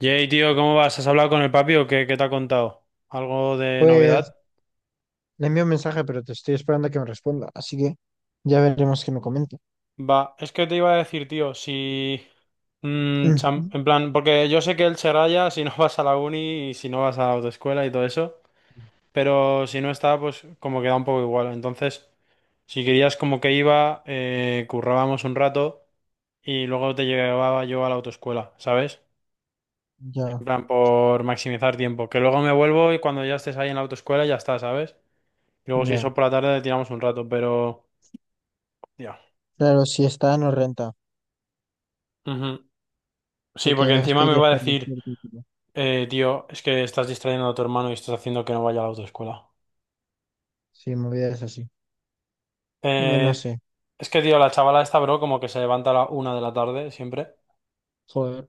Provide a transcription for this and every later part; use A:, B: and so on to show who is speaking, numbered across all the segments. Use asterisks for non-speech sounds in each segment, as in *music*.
A: Jay, tío, ¿cómo vas? ¿Has hablado con el papi o qué, qué te ha contado? ¿Algo de
B: Pues
A: novedad?
B: le envío un mensaje, pero te estoy esperando a que me responda, así que ya veremos qué me comenta.
A: Va, es que te iba a decir, tío, si...
B: *clears throat* Ujú.
A: en plan, porque yo sé que él se raya si no *laughs* vas a la uni y si no vas a la autoescuela y todo eso, pero si no está, pues como queda un poco igual. Entonces, si querías como que iba, currábamos un rato y luego te llevaba yo a la autoescuela, ¿sabes? En
B: Ya,
A: plan, por maximizar tiempo. Que luego me vuelvo y cuando ya estés ahí en la autoescuela ya está, ¿sabes? Luego, si
B: ya.
A: eso por la tarde, tiramos un rato, pero. Ya.
B: Claro, si está, no renta.
A: Ujú. Sí,
B: De que
A: porque
B: más
A: encima me
B: podría
A: va a
B: estar
A: decir,
B: despierto. Y
A: tío, es que estás distrayendo a tu hermano y estás haciendo que no vaya a la autoescuela.
B: sí, movidas así. Bueno, no
A: Eh,
B: sé.
A: es que, tío, la chavala esta, bro, como que se levanta a la 1 de la tarde siempre.
B: Joder,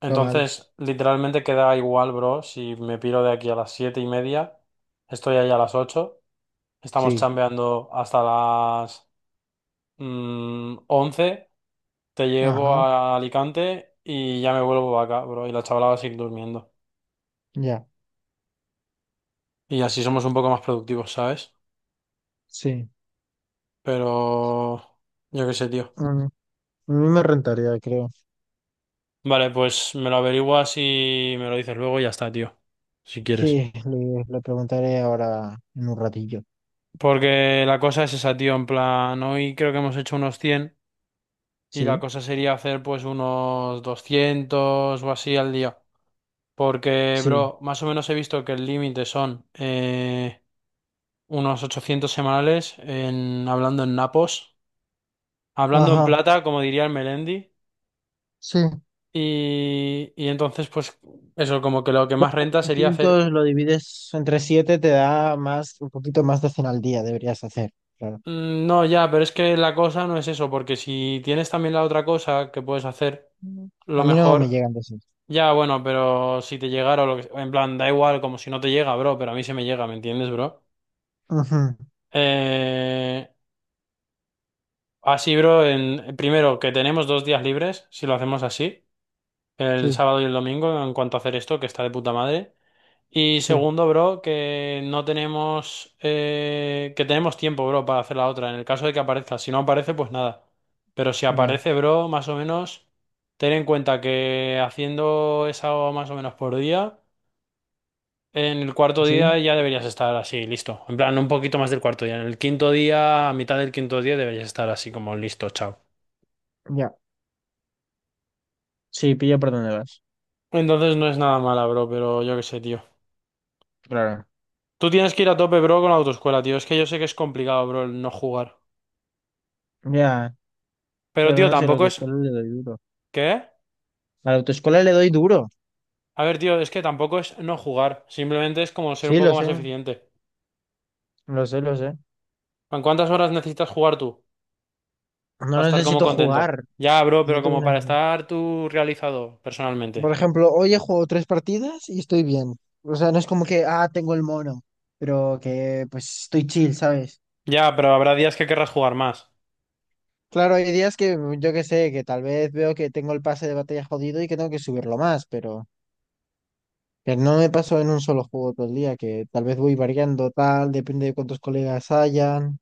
B: está mal.
A: Entonces, literalmente queda igual, bro, si me piro de aquí a las 7:30, estoy ahí a las 8, estamos
B: Sí.
A: chambeando hasta las 11, te llevo
B: Ajá,
A: a Alicante y ya me vuelvo acá, bro, y la chavala va a seguir durmiendo.
B: ya.
A: Y así somos un poco más productivos, ¿sabes?
B: Sí.
A: Pero yo qué sé, tío.
B: Mm, A mí me rentaría, creo.
A: Vale, pues me lo averiguas y me lo dices luego y ya está, tío. Si quieres.
B: Sí, le preguntaré ahora en un ratillo.
A: Porque la cosa es esa, tío, en plan, hoy creo que hemos hecho unos 100 y la
B: Sí,
A: cosa sería hacer pues unos 200 o así al día. Porque,
B: sí.
A: bro, más o menos he visto que el límite son unos 800 semanales en, hablando en napos. Hablando en
B: Ajá,
A: plata, como diría el Melendi.
B: sí.
A: Y entonces, pues eso, como que lo que más
B: Claro,
A: renta sería hacer...
B: 800 lo divides entre 7 te da más, un poquito más de 100 al día, deberías hacer. Claro.
A: No, ya, pero es que la cosa no es eso, porque si tienes también la otra cosa que puedes hacer,
B: Ujú. A
A: lo
B: mí no me
A: mejor...
B: llegan de esos.
A: Ya, bueno, pero si te llegara o lo que... En plan, da igual, como si no te llega, bro, pero a mí se me llega, ¿me entiendes, bro?
B: Ujú.
A: Eh, así, bro, primero que tenemos dos días libres, si lo hacemos así, el
B: Sí,
A: sábado y el domingo, en cuanto a hacer esto, que está de puta madre. Y
B: sí,
A: segundo, bro, que no tenemos, que tenemos tiempo, bro, para hacer la otra, en el caso de que aparezca. Si no aparece, pues nada. Pero si
B: ya.
A: aparece, bro, más o menos, ten en cuenta que haciendo esa más o menos por día, en el cuarto
B: ¿Sí?
A: día ya deberías estar así, listo. En plan, un poquito más del cuarto día. En el quinto día, a mitad del quinto día, deberías estar así como listo, chao.
B: Ya. Sí, pillo por dónde vas.
A: Entonces no es nada mala, bro, pero yo qué sé, tío.
B: Claro.
A: Tú tienes que ir a tope, bro, con la autoescuela, tío. Es que yo sé que es complicado, bro, el no jugar.
B: Ya.
A: Pero,
B: Pero
A: tío,
B: no sé, a la
A: tampoco es.
B: autoescuela le doy duro.
A: ¿Qué?
B: A la autoescuela le doy duro.
A: A ver, tío, es que tampoco es no jugar, simplemente es como ser un
B: Sí, lo
A: poco más
B: sé.
A: eficiente.
B: Lo sé, lo sé.
A: ¿En cuántas horas necesitas jugar tú
B: No
A: para estar como
B: necesito
A: contento?
B: jugar.
A: Ya, bro, pero
B: No tengo
A: como
B: una...
A: para estar tú realizado
B: Por
A: personalmente.
B: ejemplo, hoy he jugado tres partidas y estoy bien. O sea, no es como que, ah, tengo el mono. Pero que, pues, estoy chill, ¿sabes?
A: Ya, pero habrá días que querrás jugar más.
B: Claro, hay días que yo que sé, que tal vez veo que tengo el pase de batalla jodido y que tengo que subirlo más, pero que no me paso en un solo juego todo el día, que tal vez voy variando tal, depende de cuántos colegas hayan,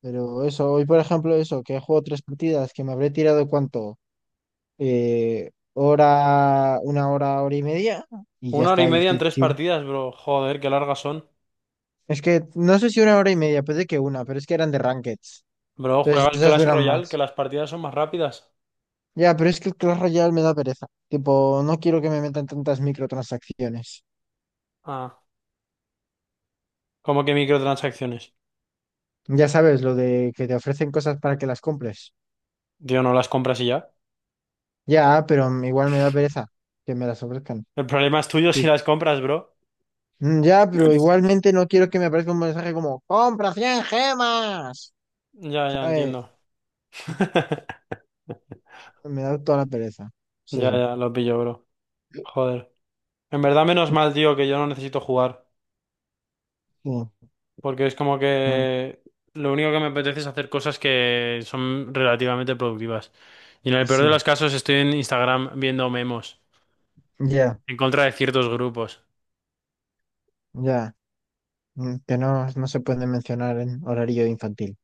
B: pero eso, hoy por ejemplo eso, que he jugado tres partidas, que me habré tirado cuánto, hora, una hora, hora y media, y ya
A: Una hora y
B: está, y
A: media en
B: estoy
A: tres
B: chill.
A: partidas, bro. Joder, qué largas son.
B: Es que no sé si una hora y media, puede que una, pero es que eran de rankeds,
A: Bro, juega
B: entonces
A: el
B: esas
A: Clash
B: duran
A: Royale, que
B: más.
A: las partidas son más rápidas.
B: Ya, pero es que el Clash Royale me da pereza. Tipo, no quiero que me metan tantas microtransacciones.
A: Ah, como que microtransacciones.
B: Ya sabes, lo de que te ofrecen cosas para que las compres.
A: Tío, no las compras y ya.
B: Ya, pero igual me da pereza que me las ofrezcan.
A: El problema es tuyo si
B: Sí.
A: las compras, bro.
B: Ya, pero igualmente no quiero que me aparezca un mensaje como, compra 100 gemas.
A: Ya, ya,
B: ¿Sabes?
A: entiendo. *laughs*
B: Me da toda la pereza. Es
A: Ya,
B: eso.
A: ya, lo pillo, bro. Joder. En verdad, menos mal, tío, que yo no necesito jugar.
B: Sí,
A: Porque es como
B: mm,
A: que lo único que me apetece es hacer cosas que son relativamente productivas. Y en el peor de
B: sí.
A: los casos estoy en Instagram viendo memos
B: Ya,
A: en contra de ciertos grupos.
B: ya. Que no, no se puede mencionar en horario infantil.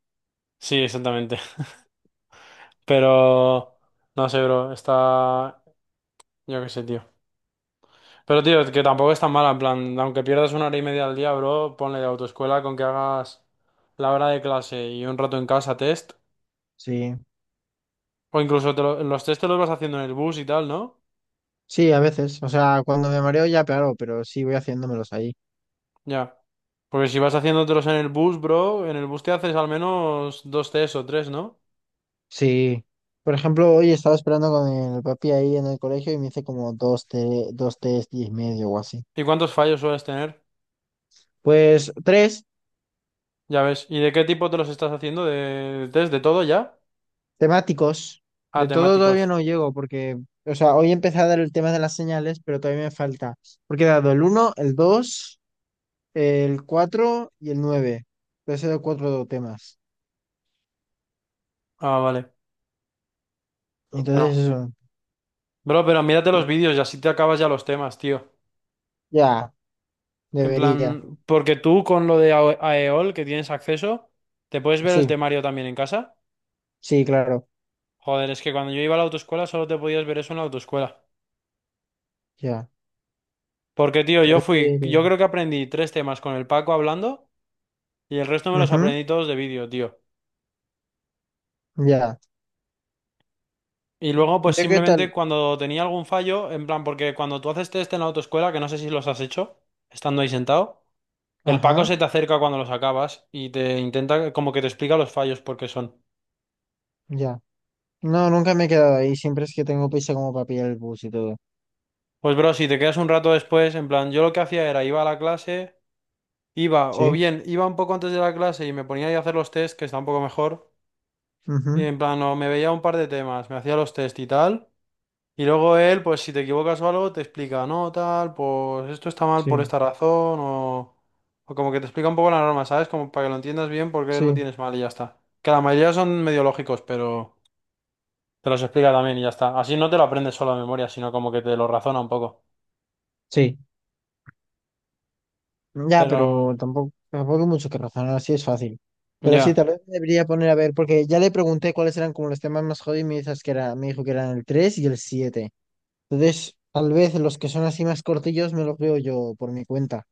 A: Sí, exactamente. *laughs* Pero no sé, bro, está... Yo qué sé, tío. Pero, tío, que tampoco es tan mala, en plan, aunque pierdas una hora y media al día, bro, ponle de autoescuela con que hagas la hora de clase y un rato en casa test.
B: Sí.
A: O incluso los test te los vas haciendo en el bus y tal, ¿no?
B: Sí, a veces. O sea, cuando me mareo ya, claro, pero sí voy haciéndomelos ahí.
A: Ya. Porque si vas haciéndotelos en el bus, bro, en el bus te haces al menos dos test o tres, ¿no?
B: Sí. Por ejemplo, hoy estaba esperando con el papi ahí en el colegio y me hice como dos, dos test y medio o así.
A: ¿Y cuántos fallos sueles tener?
B: Pues tres
A: Ya ves. ¿Y de qué tipo te los estás haciendo? ¿De test? ¿De todo ya?
B: temáticos.
A: Ah,
B: De todo todavía
A: temáticos.
B: no llego porque, o sea, hoy empecé a dar el tema de las señales, pero todavía me falta. Porque he dado el uno, el dos, el 4 y el nueve. Entonces he dado cuatro temas.
A: Ah, vale.
B: Entonces
A: Bueno.
B: eso,
A: Bro, pero mírate los vídeos y así te acabas ya los temas, tío.
B: ya,
A: En
B: debería.
A: plan, porque tú con lo de AEOL que tienes acceso, ¿te puedes ver el
B: Sí,
A: temario también en casa?
B: sí, claro,
A: Joder, es que cuando yo iba a la autoescuela solo te podías ver eso en la autoescuela.
B: ya.
A: Porque, tío, yo fui,
B: Torero.
A: yo creo que aprendí tres temas con el Paco hablando. Y el resto me los
B: Ujú,
A: aprendí todos de vídeo, tío.
B: ya.
A: Y luego, pues
B: ¿Yo qué
A: simplemente
B: tal?
A: cuando tenía algún fallo, en plan, porque cuando tú haces test en la autoescuela, que no sé si los has hecho, estando ahí sentado, el Paco
B: Ajá,
A: se te acerca cuando los acabas y te intenta, como que te explica los fallos porque son.
B: ya. No, nunca me he quedado ahí. Siempre es que tengo prisa como para pillar el bus y todo.
A: Pues bro, si te quedas un rato después, en plan, yo lo que hacía era iba a la clase, o
B: ¿Sí?
A: bien iba un poco antes de la clase y me ponía ahí a hacer los test, que está un poco mejor, y
B: Ujú,
A: en plan, o me veía un par de temas, me hacía los test y tal. Y luego él, pues si te equivocas o algo, te explica, no, tal, pues esto está mal por
B: sí,
A: esta razón, o como que te explica un poco la norma, ¿sabes? Como para que lo entiendas bien porque lo
B: sí,
A: tienes mal y ya está. Que la mayoría son medio lógicos, pero te los explica también y ya está. Así no te lo aprendes solo a memoria, sino como que te lo razona un poco.
B: sí. Ya,
A: Pero,
B: pero tampoco hay mucho que razonar, así es fácil. Pero sí,
A: ya.
B: tal vez me debería poner a ver, porque ya le pregunté cuáles eran como los temas más jodidos y me dices que era, me dijo que eran el 3 y el siete. Entonces, tal vez los que son así más cortillos me los veo yo por mi cuenta.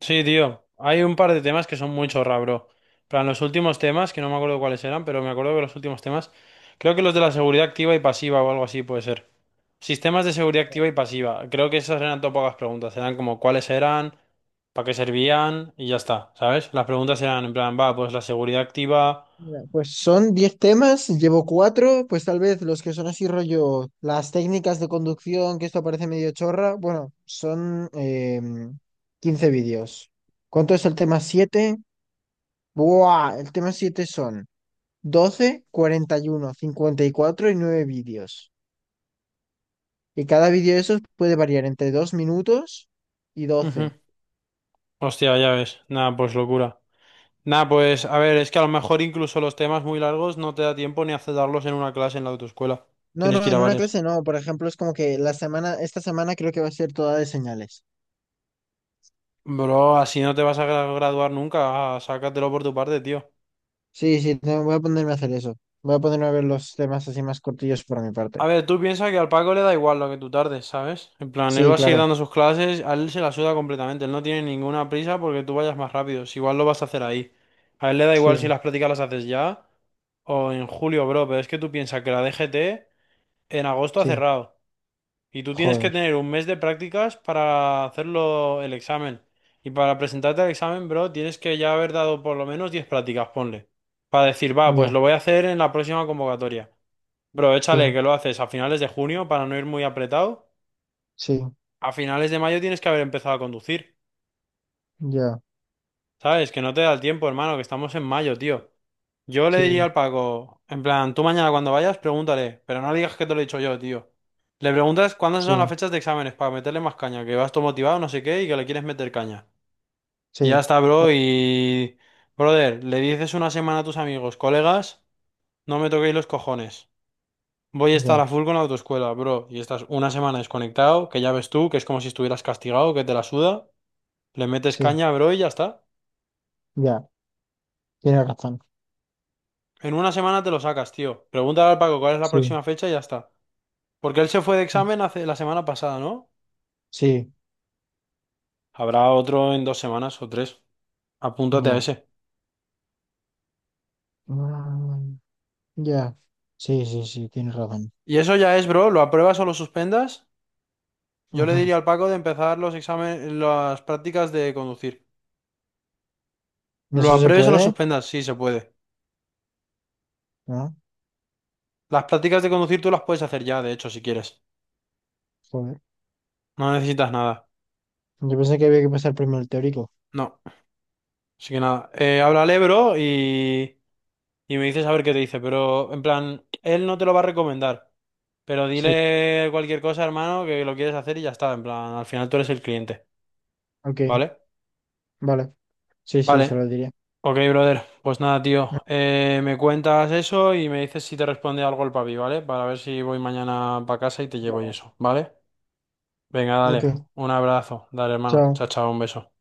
A: Sí, tío. Hay un par de temas que son muy chorra, bro. Plan, los últimos temas, que no me acuerdo cuáles eran, pero me acuerdo que los últimos temas, creo que los de la seguridad activa y pasiva o algo así puede ser. Sistemas de seguridad activa y pasiva. Creo que esas eran todo pocas preguntas. Eran como cuáles eran, para qué servían y ya está, ¿sabes? Las preguntas eran en plan, va, pues la seguridad activa.
B: Mira, pues son 10 temas, llevo cuatro, pues tal vez los que son así rollo, las técnicas de conducción, que esto parece medio chorra, bueno, son 15 vídeos. ¿Cuánto es el tema 7? ¡Buah! El tema 7 son 12, 41, 54 y nueve vídeos. Y cada vídeo de esos puede variar entre 2 minutos y
A: Ujú.
B: 12.
A: Hostia, ya ves. Nada, pues locura. Nada, pues a ver, es que a lo mejor incluso los temas muy largos no te da tiempo ni a darlos en una clase en la autoescuela.
B: No, no,
A: Tienes que ir a
B: en una
A: varias.
B: clase no, por ejemplo, es como que la semana, esta semana creo que va a ser toda de señales.
A: Bro, así no te vas a graduar nunca, ah, sácatelo por tu parte, tío.
B: Sí, sí, voy a ponerme a hacer eso. Voy a ponerme a ver los temas así más cortillos por mi parte.
A: A ver, tú piensas que al Paco le da igual lo que tú tardes, ¿sabes? En plan, él
B: Sí,
A: va a seguir
B: claro.
A: dando sus clases, a él se la suda completamente, él no tiene ninguna prisa porque tú vayas más rápido, si igual lo vas a hacer ahí. A él le da igual si
B: Sí,
A: las prácticas las haces ya o en julio, bro, pero es que tú piensas que la DGT en agosto ha
B: sí.
A: cerrado. Y tú tienes que
B: Joder.
A: tener un mes de prácticas para hacerlo el examen. Y para presentarte al examen, bro, tienes que ya haber dado por lo menos 10 prácticas, ponle. Para decir, va, pues
B: Ya,
A: lo voy a hacer en la próxima convocatoria. Bro,
B: sí,
A: échale que lo haces a finales de junio para no ir muy apretado.
B: sí,
A: A finales de mayo tienes que haber empezado a conducir.
B: ya,
A: ¿Sabes? Que no te da el tiempo, hermano, que estamos en mayo, tío. Yo le diría
B: sí,
A: al Paco, en plan, tú mañana cuando vayas, pregúntale, pero no le digas que te lo he dicho yo, tío. Le preguntas cuándo
B: sí,
A: son las fechas de exámenes para meterle más caña, que vas todo motivado, no sé qué, y que le quieres meter caña. Y ya
B: sí.
A: está, bro, y... Brother, le dices una semana a tus amigos, colegas, no me toquéis los cojones. Voy a estar a
B: Ya,
A: full con la autoescuela, bro, y estás una semana desconectado, que ya ves tú, que es como si estuvieras castigado, que te la suda, le metes
B: sí,
A: caña, bro, y ya está.
B: ya. Tienes razón.
A: En una semana te lo sacas, tío. Pregúntale al Paco cuál es la
B: Sí,
A: próxima fecha y ya está. Porque él se fue de examen hace la semana pasada, ¿no?
B: sí,
A: Habrá otro en dos semanas o tres. Apúntate a
B: ya.
A: ese.
B: mm, ya. Sí, sí, sí, tienes razón.
A: Y eso ya es, bro. ¿Lo apruebas o lo suspendas? Yo le
B: Ujú.
A: diría al Paco de empezar los exámenes, las prácticas de conducir.
B: ¿Y
A: ¿Lo
B: eso se
A: apruebes o lo
B: puede?
A: suspendas? Sí, se puede.
B: No,
A: Las prácticas de conducir tú las puedes hacer ya, de hecho, si quieres.
B: joder.
A: No necesitas nada.
B: Yo pensé que había que pasar primero el teórico.
A: No. Así que nada. Háblale, bro, y me dices a ver qué te dice. Pero, en plan, él no te lo va a recomendar. Pero
B: Sí,
A: dile cualquier cosa, hermano, que lo quieres hacer y ya está. En plan, al final tú eres el cliente,
B: ok,
A: ¿vale?
B: vale. Sí, sí, se
A: Vale.
B: lo diría.
A: Ok, brother. Pues nada, tío.
B: Mm,
A: Me cuentas eso y me dices si te responde algo el papi, ¿vale? Para ver si voy mañana para casa y te llevo y
B: Vale,
A: eso, ¿vale? Venga, dale.
B: ok.
A: Un abrazo. Dale, hermano. Chao,
B: Chao.
A: chao. Un beso.